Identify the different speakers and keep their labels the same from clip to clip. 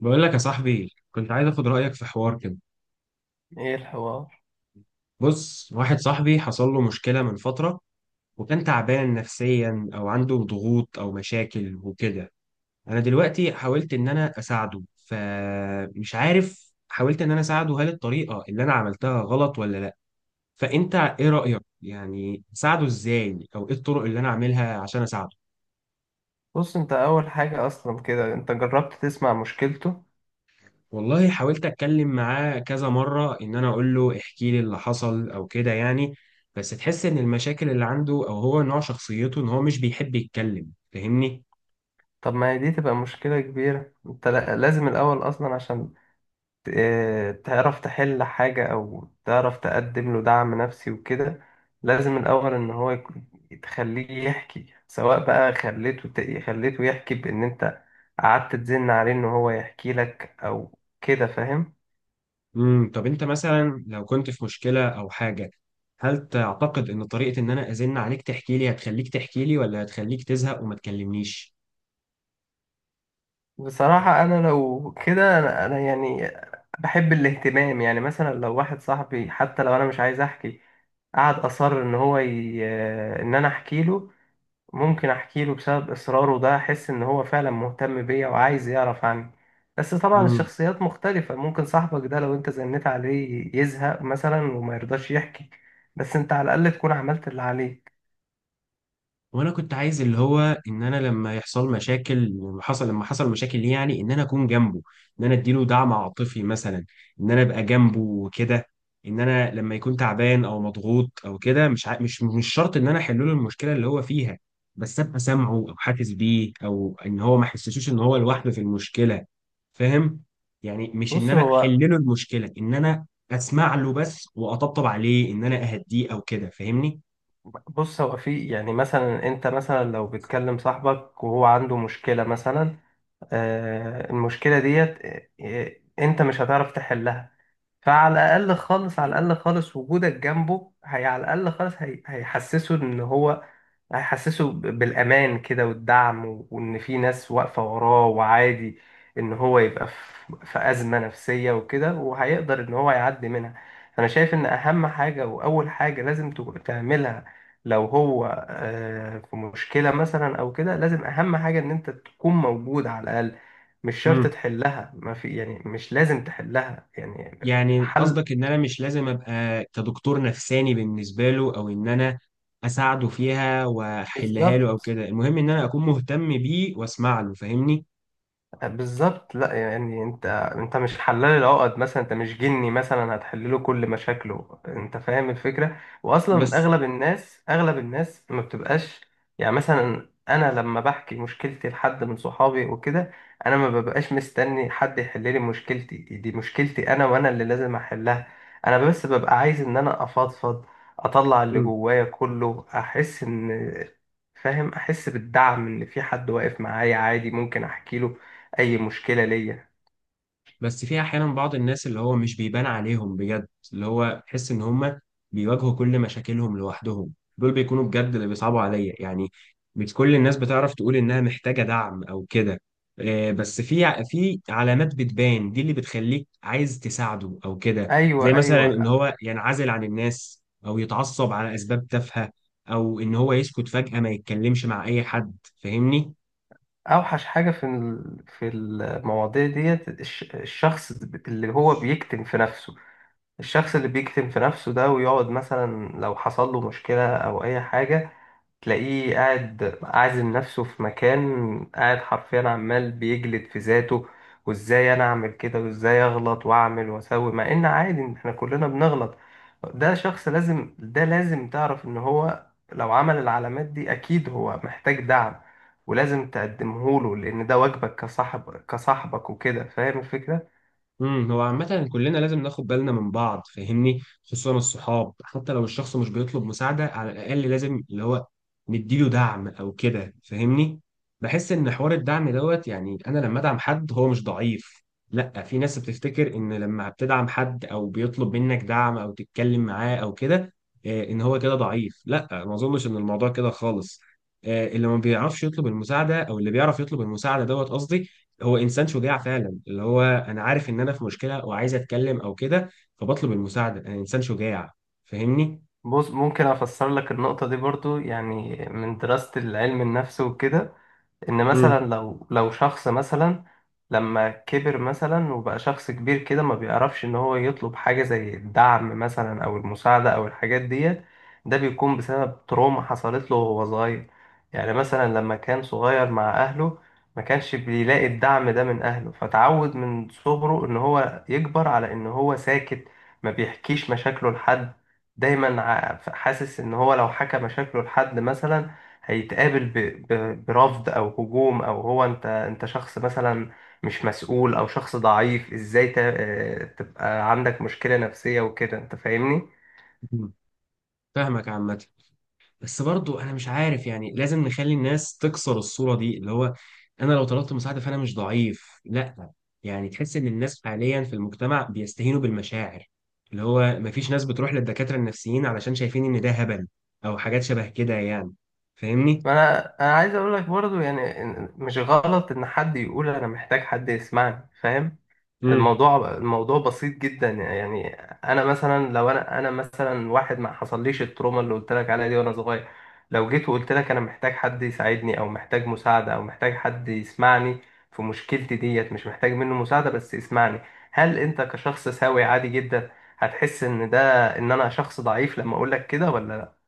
Speaker 1: بقول لك يا صاحبي، كنت عايز اخد رايك في حوار كده.
Speaker 2: ايه الحوار؟
Speaker 1: بص، واحد صاحبي حصل له مشكله من فتره، وكان تعبان نفسيا او عنده ضغوط او مشاكل وكده. انا دلوقتي حاولت ان انا اساعده، فمش عارف، حاولت ان انا اساعده، هل الطريقه اللي انا عملتها غلط ولا لا؟ فانت ايه رايك يعني؟ اساعده ازاي او ايه الطرق اللي انا اعملها عشان اساعده؟
Speaker 2: بص، انت اول حاجة اصلا كده انت جربت تسمع مشكلته؟
Speaker 1: والله حاولت اتكلم معاه كذا مره ان انا اقول له احكي لي اللي حصل او كده يعني. بس تحس ان المشاكل اللي عنده او هو نوع شخصيته ان هو مش بيحب يتكلم، فاهمني؟
Speaker 2: طب ما هي دي تبقى مشكلة كبيرة. انت لازم الاول اصلا عشان تعرف تحل حاجة او تعرف تقدم له دعم نفسي وكده. لازم الاول ان تخليه يحكي، سواء بقى خليته خليته يحكي، بان انت قعدت تزن عليه ان هو يحكي لك او كده، فاهم؟
Speaker 1: طب انت مثلا لو كنت في مشكله او حاجه، هل تعتقد ان طريقه ان انا ازن عليك تحكي لي هتخليك تحكي لي، ولا هتخليك تزهق وما تكلمنيش؟
Speaker 2: بصراحة انا لو كده، أنا يعني بحب الاهتمام. يعني مثلا لو واحد صاحبي حتى لو انا مش عايز احكي، قعد اصر ان هو ي... آه، ان انا احكي له، ممكن احكي له بسبب اصراره ده، احس ان هو فعلا مهتم بيا وعايز يعرف عني. بس طبعا
Speaker 1: إمم.
Speaker 2: الشخصيات مختلفة، ممكن صاحبك ده لو انت زنيت عليه يزهق مثلا وما يرضاش يحكي، بس انت على الاقل تكون عملت اللي عليك.
Speaker 1: وانا كنت عايز اللي هو ان انا لما يحصل مشاكل، لما حصل مشاكل ليه، يعني ان انا اكون جنبه، ان انا اديله دعم عاطفي مثلا، ان انا ابقى جنبه وكده. ان انا لما يكون تعبان او مضغوط او كده، مش عا... مش مش شرط ان انا احل له المشكله اللي هو فيها، بس ابقى سامعه او حاسس بيه، او ان هو ما يحسسوش ان هو لوحده في المشكله، فاهم؟ يعني مش ان
Speaker 2: بص
Speaker 1: انا احل
Speaker 2: هو
Speaker 1: له المشكله، ان انا اسمع له بس واطبطب عليه ان انا اهديه او كده، فاهمني؟
Speaker 2: بص هو في يعني، مثلا انت مثلا لو بتكلم صاحبك وهو عنده مشكلة مثلا، المشكلة ديت انت مش هتعرف تحلها. فعلى الأقل خالص، على الأقل خالص وجودك جنبه، هي على الأقل خالص، هيحسسه إن هو هيحسسه بالأمان كده، والدعم وإن في ناس واقفة وراه، وعادي إن هو يبقى في أزمة نفسية وكده، وهيقدر إن هو يعدي منها. أنا شايف إن أهم حاجة وأول حاجة لازم تعملها لو هو في مشكلة مثلا أو كده، لازم أهم حاجة إن أنت تكون موجود على الأقل. مش شرط تحلها، ما في يعني مش لازم تحلها يعني.
Speaker 1: يعني
Speaker 2: الحل
Speaker 1: قصدك ان انا مش لازم ابقى كدكتور نفساني بالنسبه له، او ان انا اساعده فيها واحلها له او
Speaker 2: بالظبط،
Speaker 1: كده، المهم ان انا اكون مهتم بيه واسمع له، فاهمني؟
Speaker 2: بالظبط. لا يعني انت، انت مش حلال العقد مثلا، انت مش جني مثلا هتحل له كل مشاكله، انت فاهم الفكره. واصلا
Speaker 1: بس
Speaker 2: اغلب الناس، اغلب الناس ما بتبقاش، يعني مثلا انا لما بحكي مشكلتي لحد من صحابي وكده، انا ما ببقاش مستني حد يحل لي مشكلتي، دي مشكلتي انا وانا اللي لازم احلها. انا بس ببقى عايز ان انا افضفض، اطلع اللي جوايا كله، احس ان، فاهم، احس بالدعم ان في حد واقف معايا، عادي ممكن احكي له اي مشكله ليا.
Speaker 1: بس في احيانا بعض الناس اللي هو مش بيبان عليهم بجد، اللي هو تحس ان هم بيواجهوا كل مشاكلهم لوحدهم، دول بيكونوا بجد اللي بيصعبوا عليا يعني. مش كل الناس بتعرف تقول انها محتاجة دعم او كده. آه، بس في في علامات بتبان، دي اللي بتخليك عايز تساعده او كده. زي
Speaker 2: ايوه،
Speaker 1: مثلا ان
Speaker 2: ايوه،
Speaker 1: هو ينعزل عن الناس، او يتعصب على اسباب تافهة، او ان هو يسكت فجأة ما يتكلمش مع اي حد، فاهمني؟
Speaker 2: اوحش حاجه في في المواضيع ديت، الشخص اللي هو بيكتم في نفسه. الشخص اللي بيكتم في نفسه ده ويقعد مثلا لو حصل له مشكله او اي حاجه، تلاقيه قاعد عازم نفسه في مكان، قاعد حرفيا عمال بيجلد في ذاته، وازاي انا اعمل كده، وازاي اغلط واعمل واسوي، مع ان عادي إن احنا كلنا بنغلط. ده شخص لازم، ده لازم تعرف ان هو لو عمل العلامات دي اكيد هو محتاج دعم، ولازم تقدمه له لان ده واجبك كصاحب، كصاحبك وكده، فاهم الفكرة؟
Speaker 1: هو عامة كلنا لازم ناخد بالنا من بعض، فاهمني؟ خصوصا الصحاب. حتى لو الشخص مش بيطلب مساعدة، على الأقل لازم اللي هو نديله دعم أو كده، فاهمني؟ بحس إن حوار الدعم دوت، يعني أنا لما أدعم حد هو مش ضعيف. لأ، في ناس بتفتكر إن لما بتدعم حد أو بيطلب منك دعم أو تتكلم معاه أو كده، آه، إن هو كده ضعيف. لأ، ما أظنش إن الموضوع كده خالص. آه، اللي ما بيعرفش يطلب المساعدة أو اللي بيعرف يطلب المساعدة دوت قصدي، هو انسان شجاع فعلا. اللي هو انا عارف ان انا في مشكله وعايز اتكلم او كده، فبطلب المساعده، انا انسان شجاع، فاهمني؟
Speaker 2: بص ممكن افسر لك النقطة دي برضو يعني من دراسة العلم النفس وكده، ان مثلا
Speaker 1: امم
Speaker 2: لو شخص مثلا لما كبر مثلا وبقى شخص كبير كده، ما بيعرفش ان هو يطلب حاجة زي الدعم مثلا او المساعدة او الحاجات ديت، ده بيكون بسبب تروما حصلت له وهو صغير. يعني مثلا لما كان صغير مع اهله، ما كانش بيلاقي الدعم ده من اهله، فتعود من صغره ان هو يكبر على ان هو ساكت، ما بيحكيش مشاكله لحد. دايما حاسس ان هو لو حكى مشاكله لحد مثلا، هيتقابل برفض او هجوم، او هو انت، انت شخص مثلا مش مسؤول او شخص ضعيف، ازاي ت... آه، تبقى عندك مشكلة نفسية وكده، انت فاهمني؟
Speaker 1: فاهمك عامه، بس برضو انا مش عارف، يعني لازم نخلي الناس تكسر الصوره دي، اللي هو انا لو طلبت مساعده فانا مش ضعيف، لا. يعني تحس ان الناس حاليا في المجتمع بيستهينوا بالمشاعر، اللي هو مفيش ناس بتروح للدكاتره النفسيين علشان شايفين ان ده هبل، او حاجات شبه كده يعني،
Speaker 2: فانا، انا عايز اقول لك برضو يعني مش غلط ان حد
Speaker 1: فاهمني؟
Speaker 2: يقول انا محتاج حد يسمعني، فاهم؟ الموضوع بسيط جدا يعني. انا مثلا لو انا مثلا واحد ما حصليش التروما اللي قلت لك عليها دي وانا صغير، لو جيت وقلت لك انا محتاج حد يساعدني او محتاج مساعده او محتاج حد يسمعني في مشكلتي ديت، مش محتاج منه مساعده بس يسمعني، هل انت كشخص سوي عادي جدا هتحس ان ده، ان انا شخص ضعيف لما اقول لك كده ولا لا؟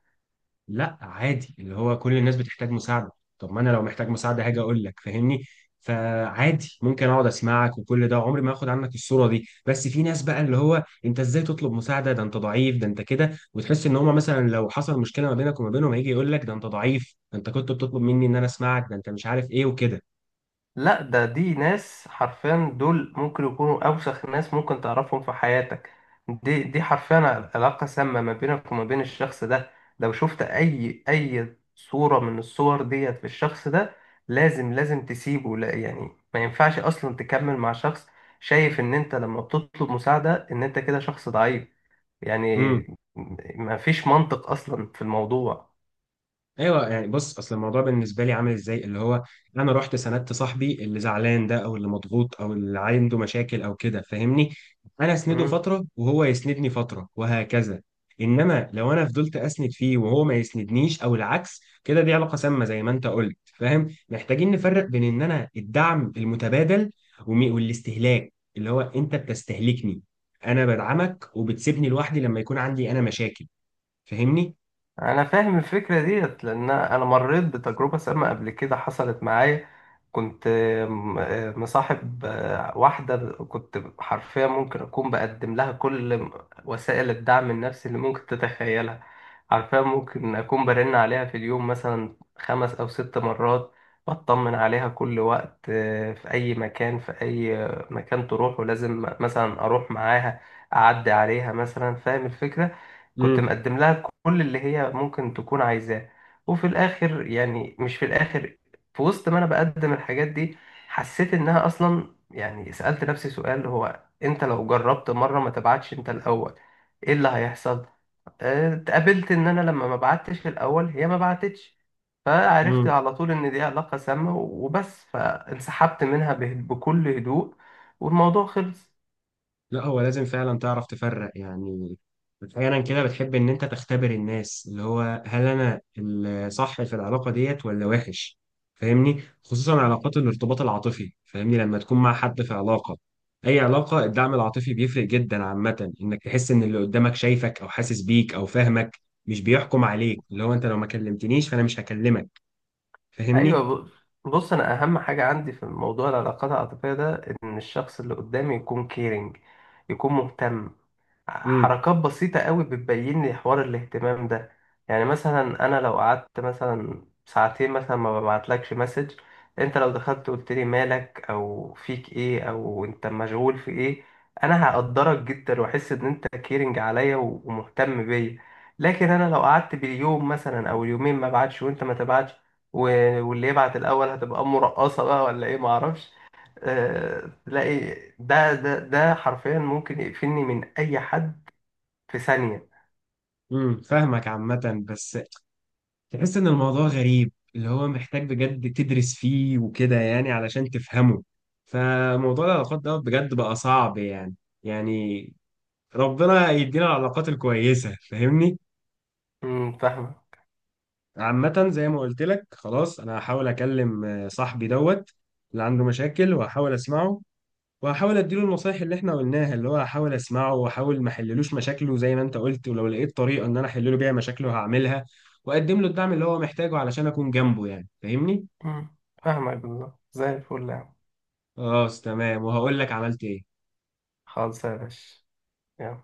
Speaker 1: لا عادي، اللي هو كل الناس بتحتاج مساعدة. طب ما انا لو محتاج مساعدة هاجي اقول لك، فاهمني؟ فعادي ممكن اقعد اسمعك، وكل ده عمري ما اخد عنك الصورة دي. بس في ناس بقى اللي هو انت ازاي تطلب مساعدة، ده انت ضعيف، ده انت كده، وتحس ان هما مثلا لو حصل مشكلة ما بينك وما بينهم هيجي يقول لك ده انت ضعيف، ده انت كنت بتطلب مني ان انا اسمعك، ده انت مش عارف ايه وكده.
Speaker 2: لا، ده دي ناس حرفيا، دول ممكن يكونوا أوسخ ناس ممكن تعرفهم في حياتك. دي دي حرفيا علاقة سامة ما بينك وما بين الشخص ده. لو شفت أي صورة من الصور ديت في الشخص ده، لازم، لازم تسيبه. لا يعني ما ينفعش أصلا تكمل مع شخص شايف إن أنت لما بتطلب مساعدة إن أنت كده شخص ضعيف
Speaker 1: امم.
Speaker 2: يعني. ما فيش منطق أصلا في الموضوع.
Speaker 1: ايوه، يعني بص، اصل الموضوع بالنسبه لي عامل ازاي، اللي هو انا رحت سندت صاحبي اللي زعلان ده، او اللي مضغوط او اللي عنده مشاكل او كده، فاهمني؟ انا اسنده فتره وهو يسندني فتره وهكذا. انما لو انا فضلت اسند فيه وهو ما يسندنيش او العكس كده، دي علاقه سامه زي ما انت قلت، فاهم؟ محتاجين نفرق بين ان انا الدعم المتبادل والاستهلاك، اللي هو انت بتستهلكني، انا بدعمك وبتسيبني لوحدي لما يكون عندي انا مشاكل، فاهمني؟
Speaker 2: انا فاهم الفكره ديت لان انا مريت بتجربه سامه قبل كده، حصلت معايا. كنت مصاحب واحده، كنت حرفيا ممكن اكون بقدم لها كل وسائل الدعم النفسي اللي ممكن تتخيلها. حرفيا ممكن اكون برن عليها في اليوم مثلا خمس او ست مرات، بطمن عليها كل وقت، في اي مكان، في اي مكان تروح ولازم مثلا اروح معاها، اعدي عليها مثلا، فاهم الفكره؟ كنت
Speaker 1: امم،
Speaker 2: مقدم لها كل اللي هي ممكن تكون عايزاه. وفي الاخر يعني، مش في الاخر، في وسط ما انا بقدم الحاجات دي، حسيت انها اصلا، يعني سألت نفسي سؤال، هو انت لو جربت مرة ما تبعتش انت الاول ايه اللي هيحصل؟ اتقابلت ان انا لما ما بعتش الاول هي ما بعتتش، فعرفت على طول ان دي علاقة سامة وبس، فانسحبت منها بكل هدوء، والموضوع خلص.
Speaker 1: لا هو لازم فعلا تعرف تفرق يعني. احيانا كده بتحب ان انت تختبر الناس، اللي هو هل انا الصح في العلاقه ديت ولا وحش، فاهمني؟ خصوصا علاقات الارتباط العاطفي، فاهمني؟ لما تكون مع حد في علاقه، اي علاقه، الدعم العاطفي بيفرق جدا عامه. انك تحس ان اللي قدامك شايفك او حاسس بيك او فاهمك، مش بيحكم عليك، اللي هو انت لو ما كلمتنيش فانا مش هكلمك، فاهمني؟
Speaker 2: ايوه، بص، انا اهم حاجه عندي في موضوع العلاقات العاطفيه ده ان الشخص اللي قدامي يكون كيرنج، يكون مهتم.
Speaker 1: امم
Speaker 2: حركات بسيطة قوي بتبين لي حوار الاهتمام ده. يعني مثلا أنا لو قعدت مثلا ساعتين مثلا ما ببعتلكش مسج، أنت لو دخلت قلت لي مالك أو فيك إيه أو أنت مشغول في إيه، أنا هقدرك جدا وأحس إن أنت كيرنج عليا ومهتم بيا. لكن أنا لو قعدت باليوم مثلا أو اليومين ما بعتش وأنت ما تبعتش، واللي يبعت الأول هتبقى مرقصة بقى ولا إيه، معرفش. تلاقي ده حرفيا ممكن يقفلني من أي حد في ثانية.
Speaker 1: امم فاهمك عامه، بس تحس ان الموضوع غريب، اللي هو محتاج بجد تدرس فيه وكده يعني علشان تفهمه. فموضوع العلاقات ده بجد بقى صعب يعني، يعني ربنا يدينا العلاقات الكويسة، فاهمني؟
Speaker 2: امم، فاهمة.
Speaker 1: عامة زي ما قلت لك، خلاص انا هحاول اكلم آه، صاحبي دوت اللي عنده مشاكل، وهحاول اسمعه، وهحاول اديله النصايح اللي احنا قلناها، اللي هو هحاول اسمعه واحاول ما احللوش مشاكله زي ما انت قلت، ولو لقيت طريقة ان انا احلله بيها مشاكله هعملها، واقدم له الدعم اللي هو محتاجه علشان اكون جنبه يعني، فاهمني؟
Speaker 2: امم، فاهمة بالله، زي الفل يا عم.
Speaker 1: خلاص، تمام، وهقول لك عملت ايه.
Speaker 2: خالص يا باشا. يلا.